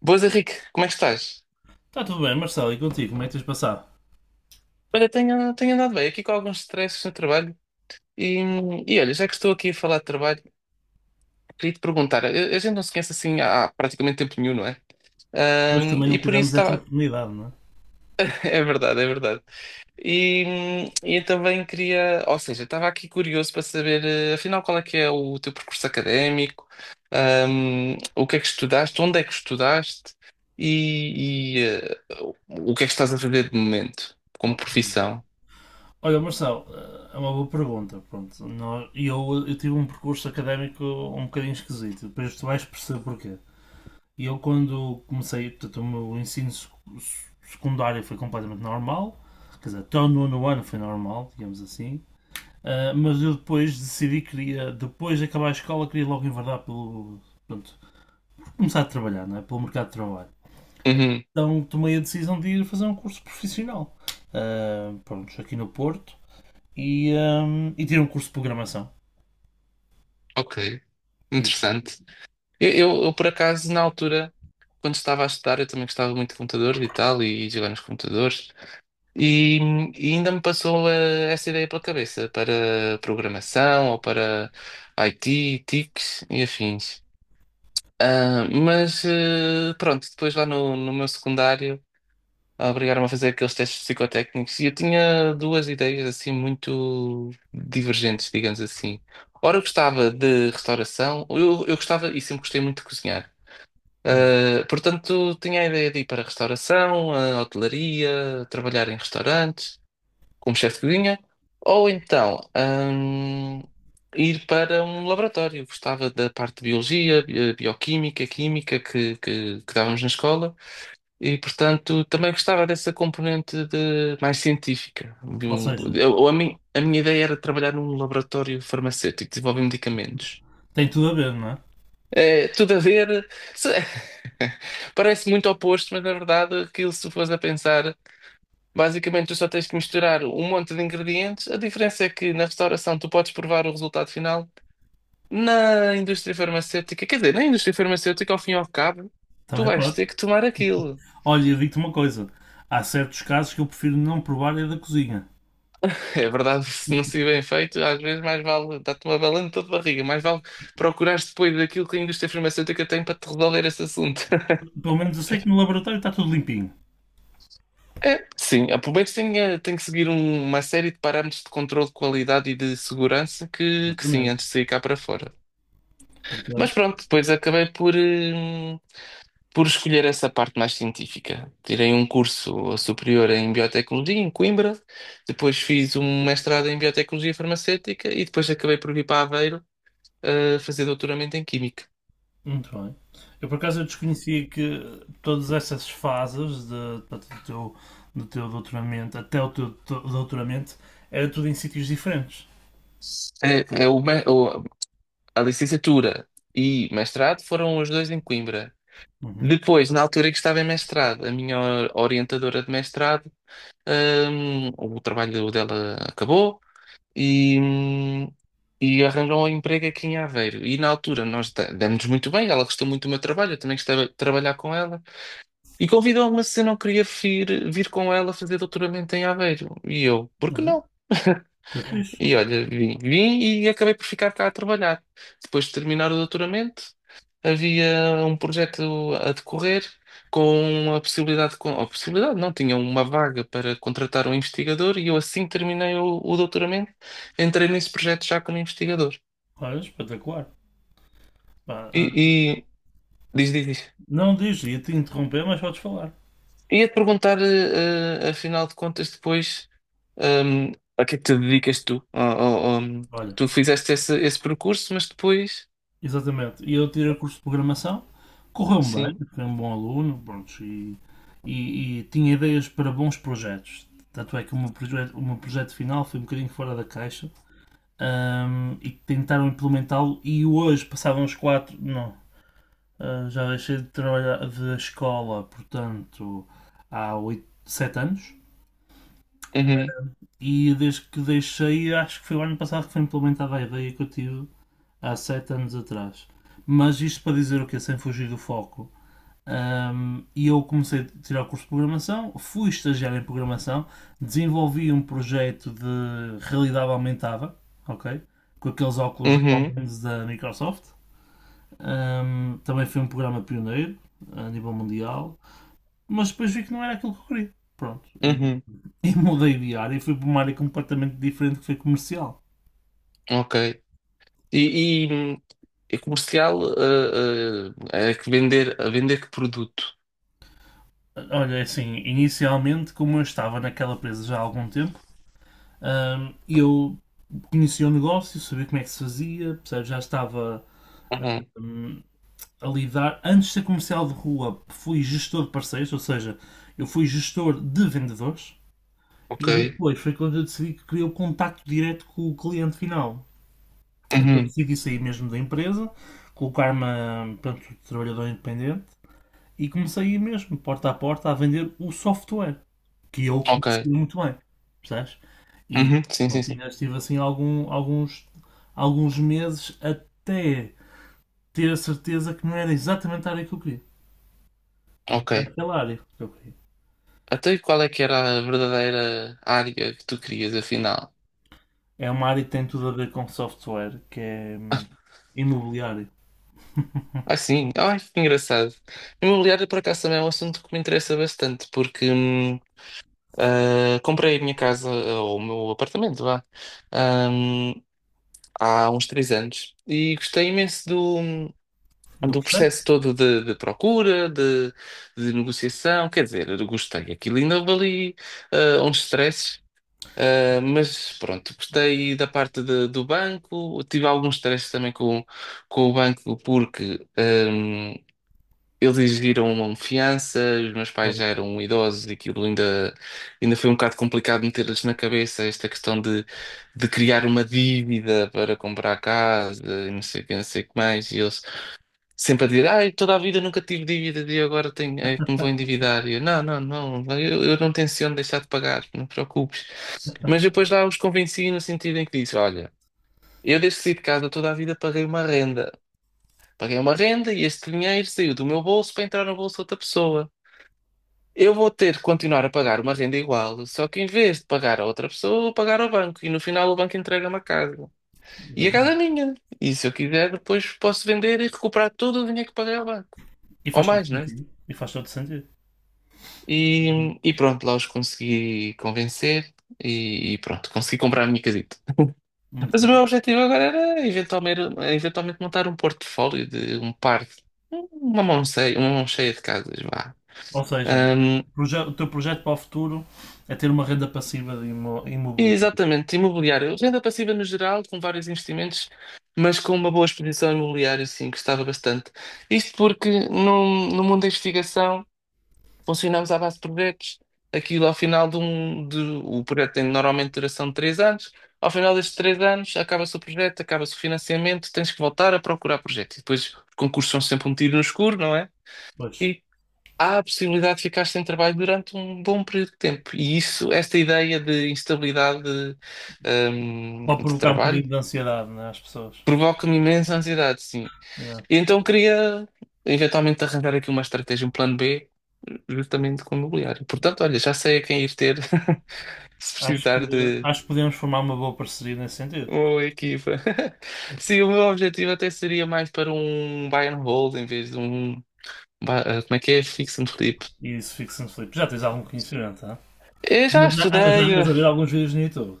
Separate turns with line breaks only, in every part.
Boas, Henrique, como é que estás?
Está tudo bem, Marcelo, e contigo? Como é que tens passado?
Olha, tenho andado bem aqui com alguns stresses no trabalho e, e olha, já que estou aqui a falar de trabalho, queria te perguntar, a gente não se conhece assim há, praticamente tempo nenhum, não é?
Hoje também
E
não
por isso
tivemos essa
estava.
oportunidade, não é?
É verdade, é verdade. E eu também queria, ou seja, estava aqui curioso para saber, afinal, qual é que é o teu percurso académico, o que é que estudaste, onde é que estudaste e o que é que estás a fazer de momento, como
Ok.
profissão?
Olha, Marcelo, é uma boa pergunta. Pronto, eu tive um percurso académico um bocadinho esquisito, depois tu vais perceber porquê. E eu, quando comecei, portanto, o meu ensino secundário foi completamente normal, quer dizer, até o nono ano foi normal, digamos assim, mas eu depois decidi que queria, depois de acabar a escola, queria logo enverdar pelo. Pronto, começar a trabalhar, não é? Pelo mercado de trabalho.
Uhum.
Então tomei a decisão de ir fazer um curso profissional. Ah, pronto, aqui no Porto. E, ah, e tirei um curso de programação.
Ok, interessante. Eu, por acaso, na altura, quando estava a estudar, eu também gostava muito de computadores e tal, de jogar nos computadores, e, e ainda me passou essa ideia pela cabeça para programação ou para IT, TICs e afins. Ah, mas pronto, depois lá no meu secundário obrigaram-me a fazer aqueles testes psicotécnicos e eu tinha duas ideias assim muito divergentes, digamos assim. Ora, eu gostava de restauração, eu gostava e sempre gostei muito de cozinhar.
Hum.
Ah, portanto, tinha a ideia de ir para a restauração, a hotelaria, trabalhar em restaurantes, como chefe de cozinha, ou então, ir para um laboratório. Gostava da parte de biologia, bioquímica, química que dávamos na escola. E, portanto, também gostava dessa componente de mais científica. De
Ou
um-
seja,
eu- ou a, mim, a minha ideia era trabalhar num laboratório farmacêutico, desenvolver medicamentos.
tem tudo a ver, não é?
É, tudo a ver. se- Parece muito oposto, mas na verdade, aquilo, se fores a pensar, basicamente tu só tens que misturar um monte de ingredientes. A diferença é que na restauração tu podes provar o resultado final. Na indústria farmacêutica, quer dizer, na indústria farmacêutica, ao fim e ao cabo, tu
Também
vais
pode.
ter que tomar aquilo.
Olha, eu digo-te uma coisa. Há certos casos que eu prefiro não provar é da cozinha.
É verdade, se não se bem feito, às vezes mais vale dar-te uma balanta de barriga, mais vale procurares depois daquilo que a indústria farmacêutica tem para te resolver esse assunto.
Pelo menos eu sei que no laboratório está tudo limpinho.
É, sim, a Pubex tem que seguir uma série de parâmetros de controle de qualidade e de segurança que sim,
Exatamente.
antes de sair cá para fora. Mas
Portanto,
pronto, depois acabei por escolher essa parte mais científica. Tirei um curso superior em biotecnologia em Coimbra, depois fiz um mestrado em biotecnologia farmacêutica e depois acabei por vir para Aveiro a fazer doutoramento em Química.
muito bem. Eu por acaso eu desconhecia que todas essas fases de, do, teu, do teu doutoramento até o teu doutoramento era tudo em sítios diferentes.
É. A licenciatura e mestrado foram os dois em Coimbra.
Uhum.
Depois, na altura em que estava em mestrado, a minha orientadora de mestrado, o trabalho dela acabou e, hum, e arranjou um emprego aqui em Aveiro. E na altura nós demos muito bem, ela gostou muito do meu trabalho, eu também gostava de trabalhar com ela. E convidou-me se eu não queria vir, com ela fazer doutoramento em Aveiro. E eu, por que
Olha,
não?
que fixe.
E olha, vim e acabei por ficar cá a trabalhar. Depois de terminar o doutoramento, havia um projeto a decorrer com, a possibilidade não, tinha uma vaga para contratar um investigador e eu assim que terminei o doutoramento, entrei nesse projeto já como investigador.
Olha, espetacular. Pá,
E,
ah,
e- diz, diz, diz.
não diz, ia-te interromper, mas podes falar.
Ia-te perguntar, afinal de contas, depois, a que é que te dedicas tu? Ó- ó- ó,
Olha,
tu fizeste esse, percurso, mas depois,
exatamente. E eu tirei o curso de programação, correu-me bem,
sim.
fui um bom aluno, pronto, e tinha ideias para bons projetos. Tanto é que o meu projeto final foi um bocadinho fora da caixa, e tentaram implementá-lo, e hoje, passavam os quatro, não, ah, já deixei de trabalhar da escola, portanto, há oito, sete anos.
Uhum.
E desde que deixei, acho que foi o ano passado que foi implementada a ideia que eu tive há sete anos atrás. Mas isto para dizer o que Sem fugir do foco. E eu comecei a tirar o curso de programação, fui estagiário em programação, desenvolvi um projeto de realidade aumentada, ok? Com aqueles óculos
Uhum.
da Microsoft. Também foi um programa pioneiro a nível mundial. Mas depois vi que não era aquilo que eu queria. Pronto. E,
Uhum,
e mudei de área e fui para uma área completamente diferente que foi comercial.
ok. E, e, e comercial é que a vender que produto?
Olha, é assim, inicialmente, como eu estava naquela empresa já há algum tempo, eu conhecia o negócio, sabia como é que se fazia, percebes? Já estava
Uhum,
hum, a lidar. Antes de ser comercial de rua, fui gestor de parceiros, ou seja, eu fui gestor de vendedores.
ok.
E depois foi quando eu decidi que queria o contacto direto com o cliente final. Então
Uhum,
decidi sair mesmo da empresa, colocar-me pronto, trabalhador independente e comecei a ir mesmo, porta a porta, a vender o software, que eu
ok.
conhecia muito bem, percebes? E
Uhum, sim, sim,
pronto,
sim.
ainda estive assim alguns meses até ter a certeza que não era exatamente a área que eu queria. Não era
Ok.
aquela área que eu queria.
Até qual é que era a verdadeira área que tu querias, afinal?
É uma área que tem tudo a ver com software, que é imobiliário.
Ah, sim. Ai, que engraçado. Imobiliário, por acaso, também é um assunto que me interessa bastante, porque comprei a minha casa, ou o meu apartamento, vá, hum, há uns 3 anos. E gostei imenso do,
Do
do
processo?
processo todo de, procura, de negociação, quer dizer, eu gostei. Aquilo ainda ali uns stresses, mas pronto, gostei da parte do banco. Tive alguns stresses também com o banco porque eles exigiram uma fiança, os meus pais
Pois,
já eram idosos e aquilo ainda foi um bocado complicado meter-lhes na cabeça esta questão de criar uma dívida para comprar casa e não sei o que, não sei o que mais. E eles sempre a dizer, ai, toda a vida nunca tive dívidas e agora tenho, é que me vou endividar. E eu, não, não, não, eu não tenciono deixar de pagar, não te preocupes. Mas depois lá os convenci no sentido em que disse, olha, eu desde que saí de casa toda a vida paguei uma renda. Paguei uma renda e este dinheiro saiu do meu bolso para entrar no bolso de outra pessoa. Eu vou ter que continuar a pagar uma renda igual, só que em vez de pagar a outra pessoa, vou pagar ao banco e no final o banco entrega-me a casa. E a casa é
exatamente.
minha. E se eu quiser, depois posso vender e recuperar todo o dinheiro que paguei ao banco.
E
Ou
faz todo
mais, né?
sentido. E faz todo sentido.
E pronto, lá os consegui convencer e pronto, consegui comprar a minha casita.
Muito
Mas o meu
bem.
objetivo agora era eventualmente, eventualmente montar um portfólio de uma mão cheia de casas, vá.
Ou seja,
Ahm,
o teu projeto para o futuro é ter uma renda passiva de imo-
e
imobiliária.
exatamente, imobiliário, renda passiva no geral, com vários investimentos, mas com uma boa exposição imobiliária, sim, gostava bastante. Isto porque no mundo da investigação. Funcionamos à base de projetos. Aquilo ao final de um. O projeto tem normalmente duração de 3 anos. Ao final destes 3 anos, acaba-se o projeto, acaba-se o financiamento, tens que voltar a procurar projeto. E depois os concursos são sempre um tiro no escuro, não é?
Pois.
E há a possibilidade de ficar sem trabalho durante um bom período de tempo. E isso, esta ideia de instabilidade
Pode
de
provocar um
trabalho,
bocadinho de ansiedade, né, às pessoas.
provoca-me imensa ansiedade, sim.
É.
E então queria eventualmente arranjar aqui uma estratégia, um plano B, justamente com o imobiliário. Portanto, olha, já sei a quem ir ter se
Acho que,
precisar de
acho que podemos formar uma boa parceria nesse sentido.
uma equipa. Sim, o meu objetivo até seria mais para um buy and hold em vez de um. Como é que é? Fix and flip.
E isso fica-se no Filipe. Já tens algum conhecimento, tá?
Eu já
Ana, já
estudei,
andas a ver alguns vídeos no YouTube.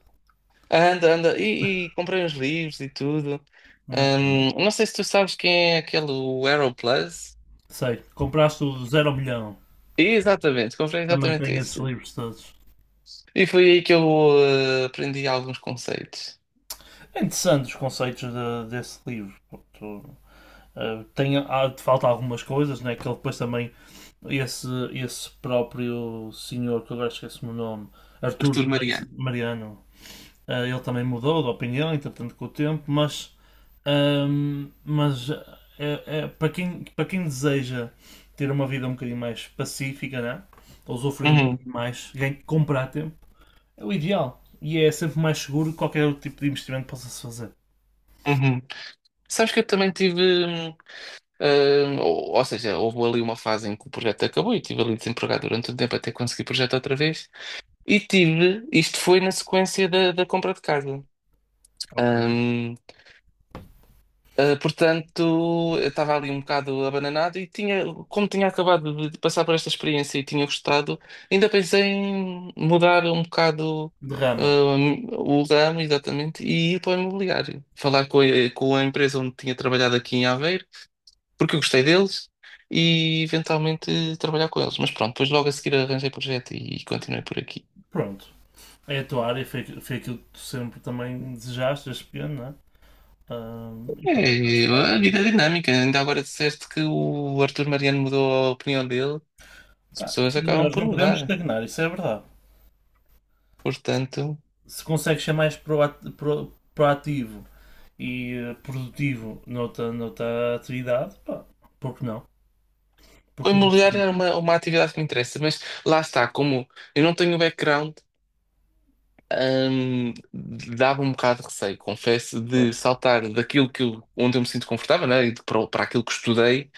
anda, anda, e comprei uns livros e tudo.
Muito bem.
Não sei se tu sabes quem é aquele o Aeroplus.
Sei. Compraste o Zero ao Milhão.
Exatamente, comprei
Também
exatamente
tenho esses
esse.
livros todos.
E foi aí que eu aprendi alguns conceitos.
É interessante os conceitos desse livro. Portanto, tem, há, falta algumas coisas, né, que ele depois também esse próprio senhor, que agora esqueço o nome, Artur
Arthur Mariano.
Mariano, ele também mudou de opinião, entretanto, com o tempo, mas para quem deseja ter uma vida um bocadinho mais pacífica, né? Ou usufruir um
Uhum,
bocadinho mais, ganhar- comprar a tempo, é o ideal. E é sempre mais seguro que qualquer outro tipo de investimento possa-se fazer.
uhum. Sabes que eu também tive. Ou seja, houve ali uma fase em que o projeto acabou e estive ali desempregado durante um tempo até conseguir o projeto outra vez. E tive. Isto foi na sequência da compra de casa.
Ok.
Hum, portanto, eu estava ali um bocado abananado e tinha, como tinha acabado de passar por esta experiência e tinha gostado, ainda pensei em mudar um bocado
Derrama.
o ramo, exatamente, e ir para o imobiliário. Falar com a empresa onde tinha trabalhado aqui em Aveiro, porque eu gostei deles, e eventualmente trabalhar com eles. Mas pronto, depois logo a seguir arranjei projeto e continuei por aqui.
Pronto. É a tua área, foi, foi aquilo que tu sempre também desejaste, este piano, não é? E pronto, acho
É,
que fazes
a
bem.
vida é dinâmica. Ainda agora disseste que o Arthur Mariano mudou a opinião dele. As
Pá,
pessoas
sim,
acabam
nós
por
não podemos
mudar.
estagnar, isso é verdade.
Portanto,
Se consegues ser mais proativo e produtivo noutra, noutra atividade, pá, por que não? Por
o
que não?
imobiliário é uma, atividade que me interessa, mas lá está, como eu não tenho background, hum, dava um bocado de receio, confesso, de
Pois,
saltar daquilo que onde eu me sinto confortável, né, e para aquilo que estudei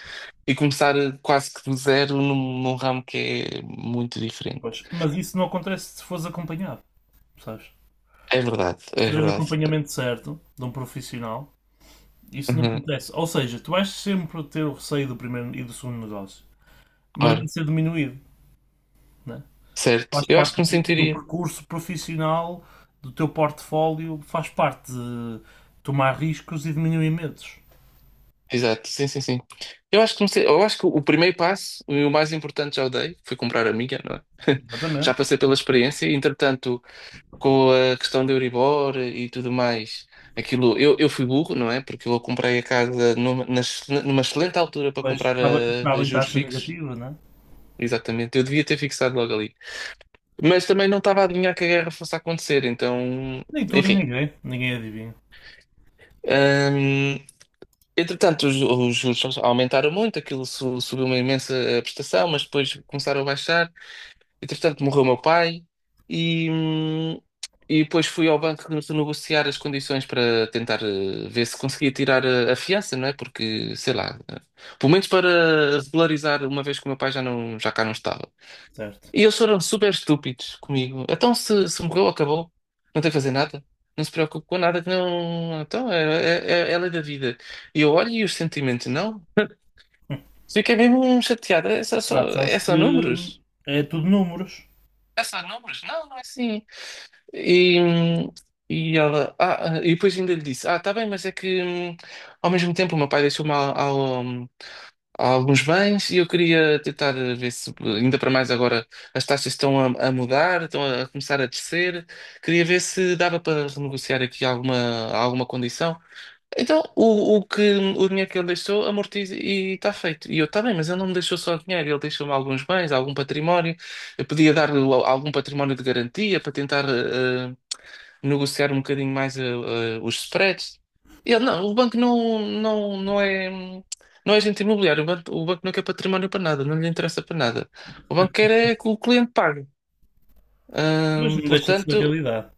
e começar quase que do zero num ramo que é muito diferente.
pois. Mas isso não acontece se fores acompanhado, sabes?
É verdade,
Se
é
tiveres
verdade.
acompanhamento certo de um profissional, isso não
Uhum.
acontece. Ou seja, tu vais sempre ter o receio do primeiro e do segundo negócio, mas
Ora,
vai ser diminuído, né?
certo,
Faz
eu acho
parte
que me
do, do
sentiria.
percurso profissional do teu portfólio, faz parte de tomar riscos e diminuir medos.
Exato, sim, sim, sim. Eu acho que o primeiro passo, e o mais importante já o dei, foi comprar a minha, não é? Já
Exatamente.
passei pela experiência, e, entretanto, com a questão do Euribor e tudo mais, aquilo, eu fui burro, não é? Porque eu comprei a casa numa excelente altura para
Pois
comprar a,
estava,
a
estava em
juros
taxa
fixos,
negativa, não é?
exatamente, eu devia ter fixado logo ali. Mas também não estava a adivinhar que a guerra fosse acontecer, então,
Nem tu, nem
enfim.
ninguém. Ninguém adivinha,
Hum, Entretanto, os juros aumentaram muito, aquilo subiu uma imensa prestação, mas depois começaram a baixar. Entretanto, morreu meu pai e, hum, e depois fui ao banco renegociar as condições para tentar ver se conseguia tirar a fiança, não é? Porque, sei lá, pelo menos para regularizar, uma vez que o meu pai já, não, já cá não estava.
certo?
E eles foram super estúpidos comigo. Então, se morreu, acabou. Não tem que fazer nada. Não se preocupe com nada que não. Então, é a lei da vida. E eu olho e os sentimentos, não. Fiquei mesmo chateada. É só,
Ah, tu
só-
sabes
é
que
só números?
é tudo números.
É só números? Não, não é assim. E, hum, e ela. Ah, e depois ainda lhe disse: Ah, tá bem, mas é que ao mesmo tempo o meu pai deixou-me há alguns bens e eu queria tentar ver se, ainda para mais agora, as taxas estão a mudar, estão a começar a descer. Queria ver se dava para renegociar aqui alguma condição. Então, o dinheiro que ele deixou, amortiza e está feito. E eu, está bem, mas ele não me deixou só dinheiro, ele deixou-me alguns bens, algum património. Eu podia dar-lhe algum património de garantia para tentar, negociar um bocadinho mais os spreads. Ele, não, o banco não, não, não é, não é agente imobiliário, o banco não quer património para nada, não lhe interessa para nada. O banco quer é que o cliente pague.
Pois
Hum,
não deixa de ser a
portanto,
realidade.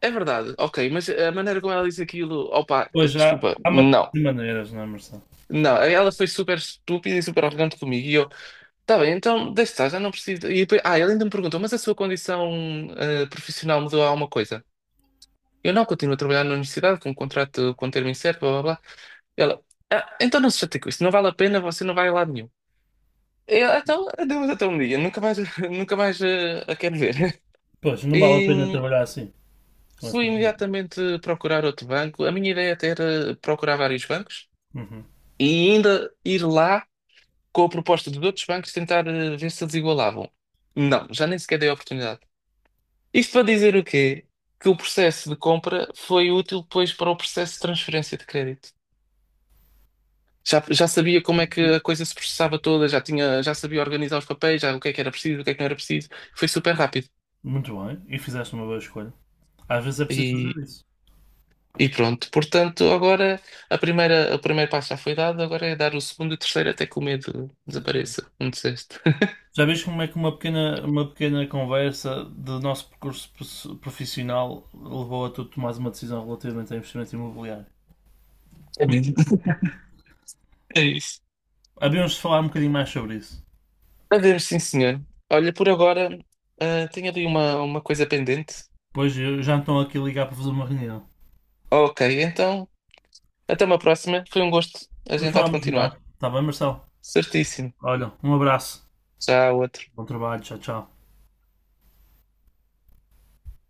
é verdade, ok, mas a maneira como ela diz aquilo, opa,
Pois há,
desculpa,
há
não.
maneiras e maneiras, não é, Marcelo?
Não, ela foi super estúpida e super arrogante comigo. E eu, tá bem, então deixa estar, já não preciso. E depois, ele ainda me perguntou, mas a sua condição profissional mudou alguma coisa? Eu não continuo a trabalhar na universidade com um contrato com um termo incerto, blá blá blá. Ela, então não se chate com isso, não vale a pena, você não vai a lado nenhum. Eu, "Ah, então, adeus até um dia, nunca mais, nunca mais a quero ver.
Pois, não vale a pena
E
trabalhar assim, com essa
fui
gente.
imediatamente procurar outro banco. A minha ideia até era procurar vários bancos
Uhum.
e ainda ir lá com a proposta de outros bancos tentar ver se eles igualavam. Não, já nem sequer dei a oportunidade. Isto para dizer o quê? Que o processo de compra foi útil depois para o processo de transferência de crédito. Já sabia como é que
E-
a coisa se processava toda, já sabia organizar os papéis, já o que é que era preciso, o que é que não era preciso. Foi super rápido.
Muito bem. E fizeste uma boa escolha. Às vezes é preciso
E,
fazer isso.
e pronto. Portanto, agora a primeira, o primeiro passo já foi dado, agora é dar o segundo e o terceiro até que o medo
Sim, sim.
desapareça. Não disseste?
Já vês como é que uma pequena conversa do nosso percurso profissional levou a tu tomares uma decisão relativamente a investimento imobiliário?
É mesmo. É isso.
Havíamos de falar um bocadinho mais sobre isso.
A ver, sim, senhor. Olha, por agora, tenho ali uma, coisa pendente.
Pois eu já estão aqui a ligar para fazer uma reunião.
Ok, então, até uma próxima. Foi um gosto. A
Depois
gente há de
falamos
continuar.
melhor. Está bem, Marcelo?
Certíssimo.
Olha, um abraço.
Tchau, outro.
Bom trabalho. Tchau, tchau.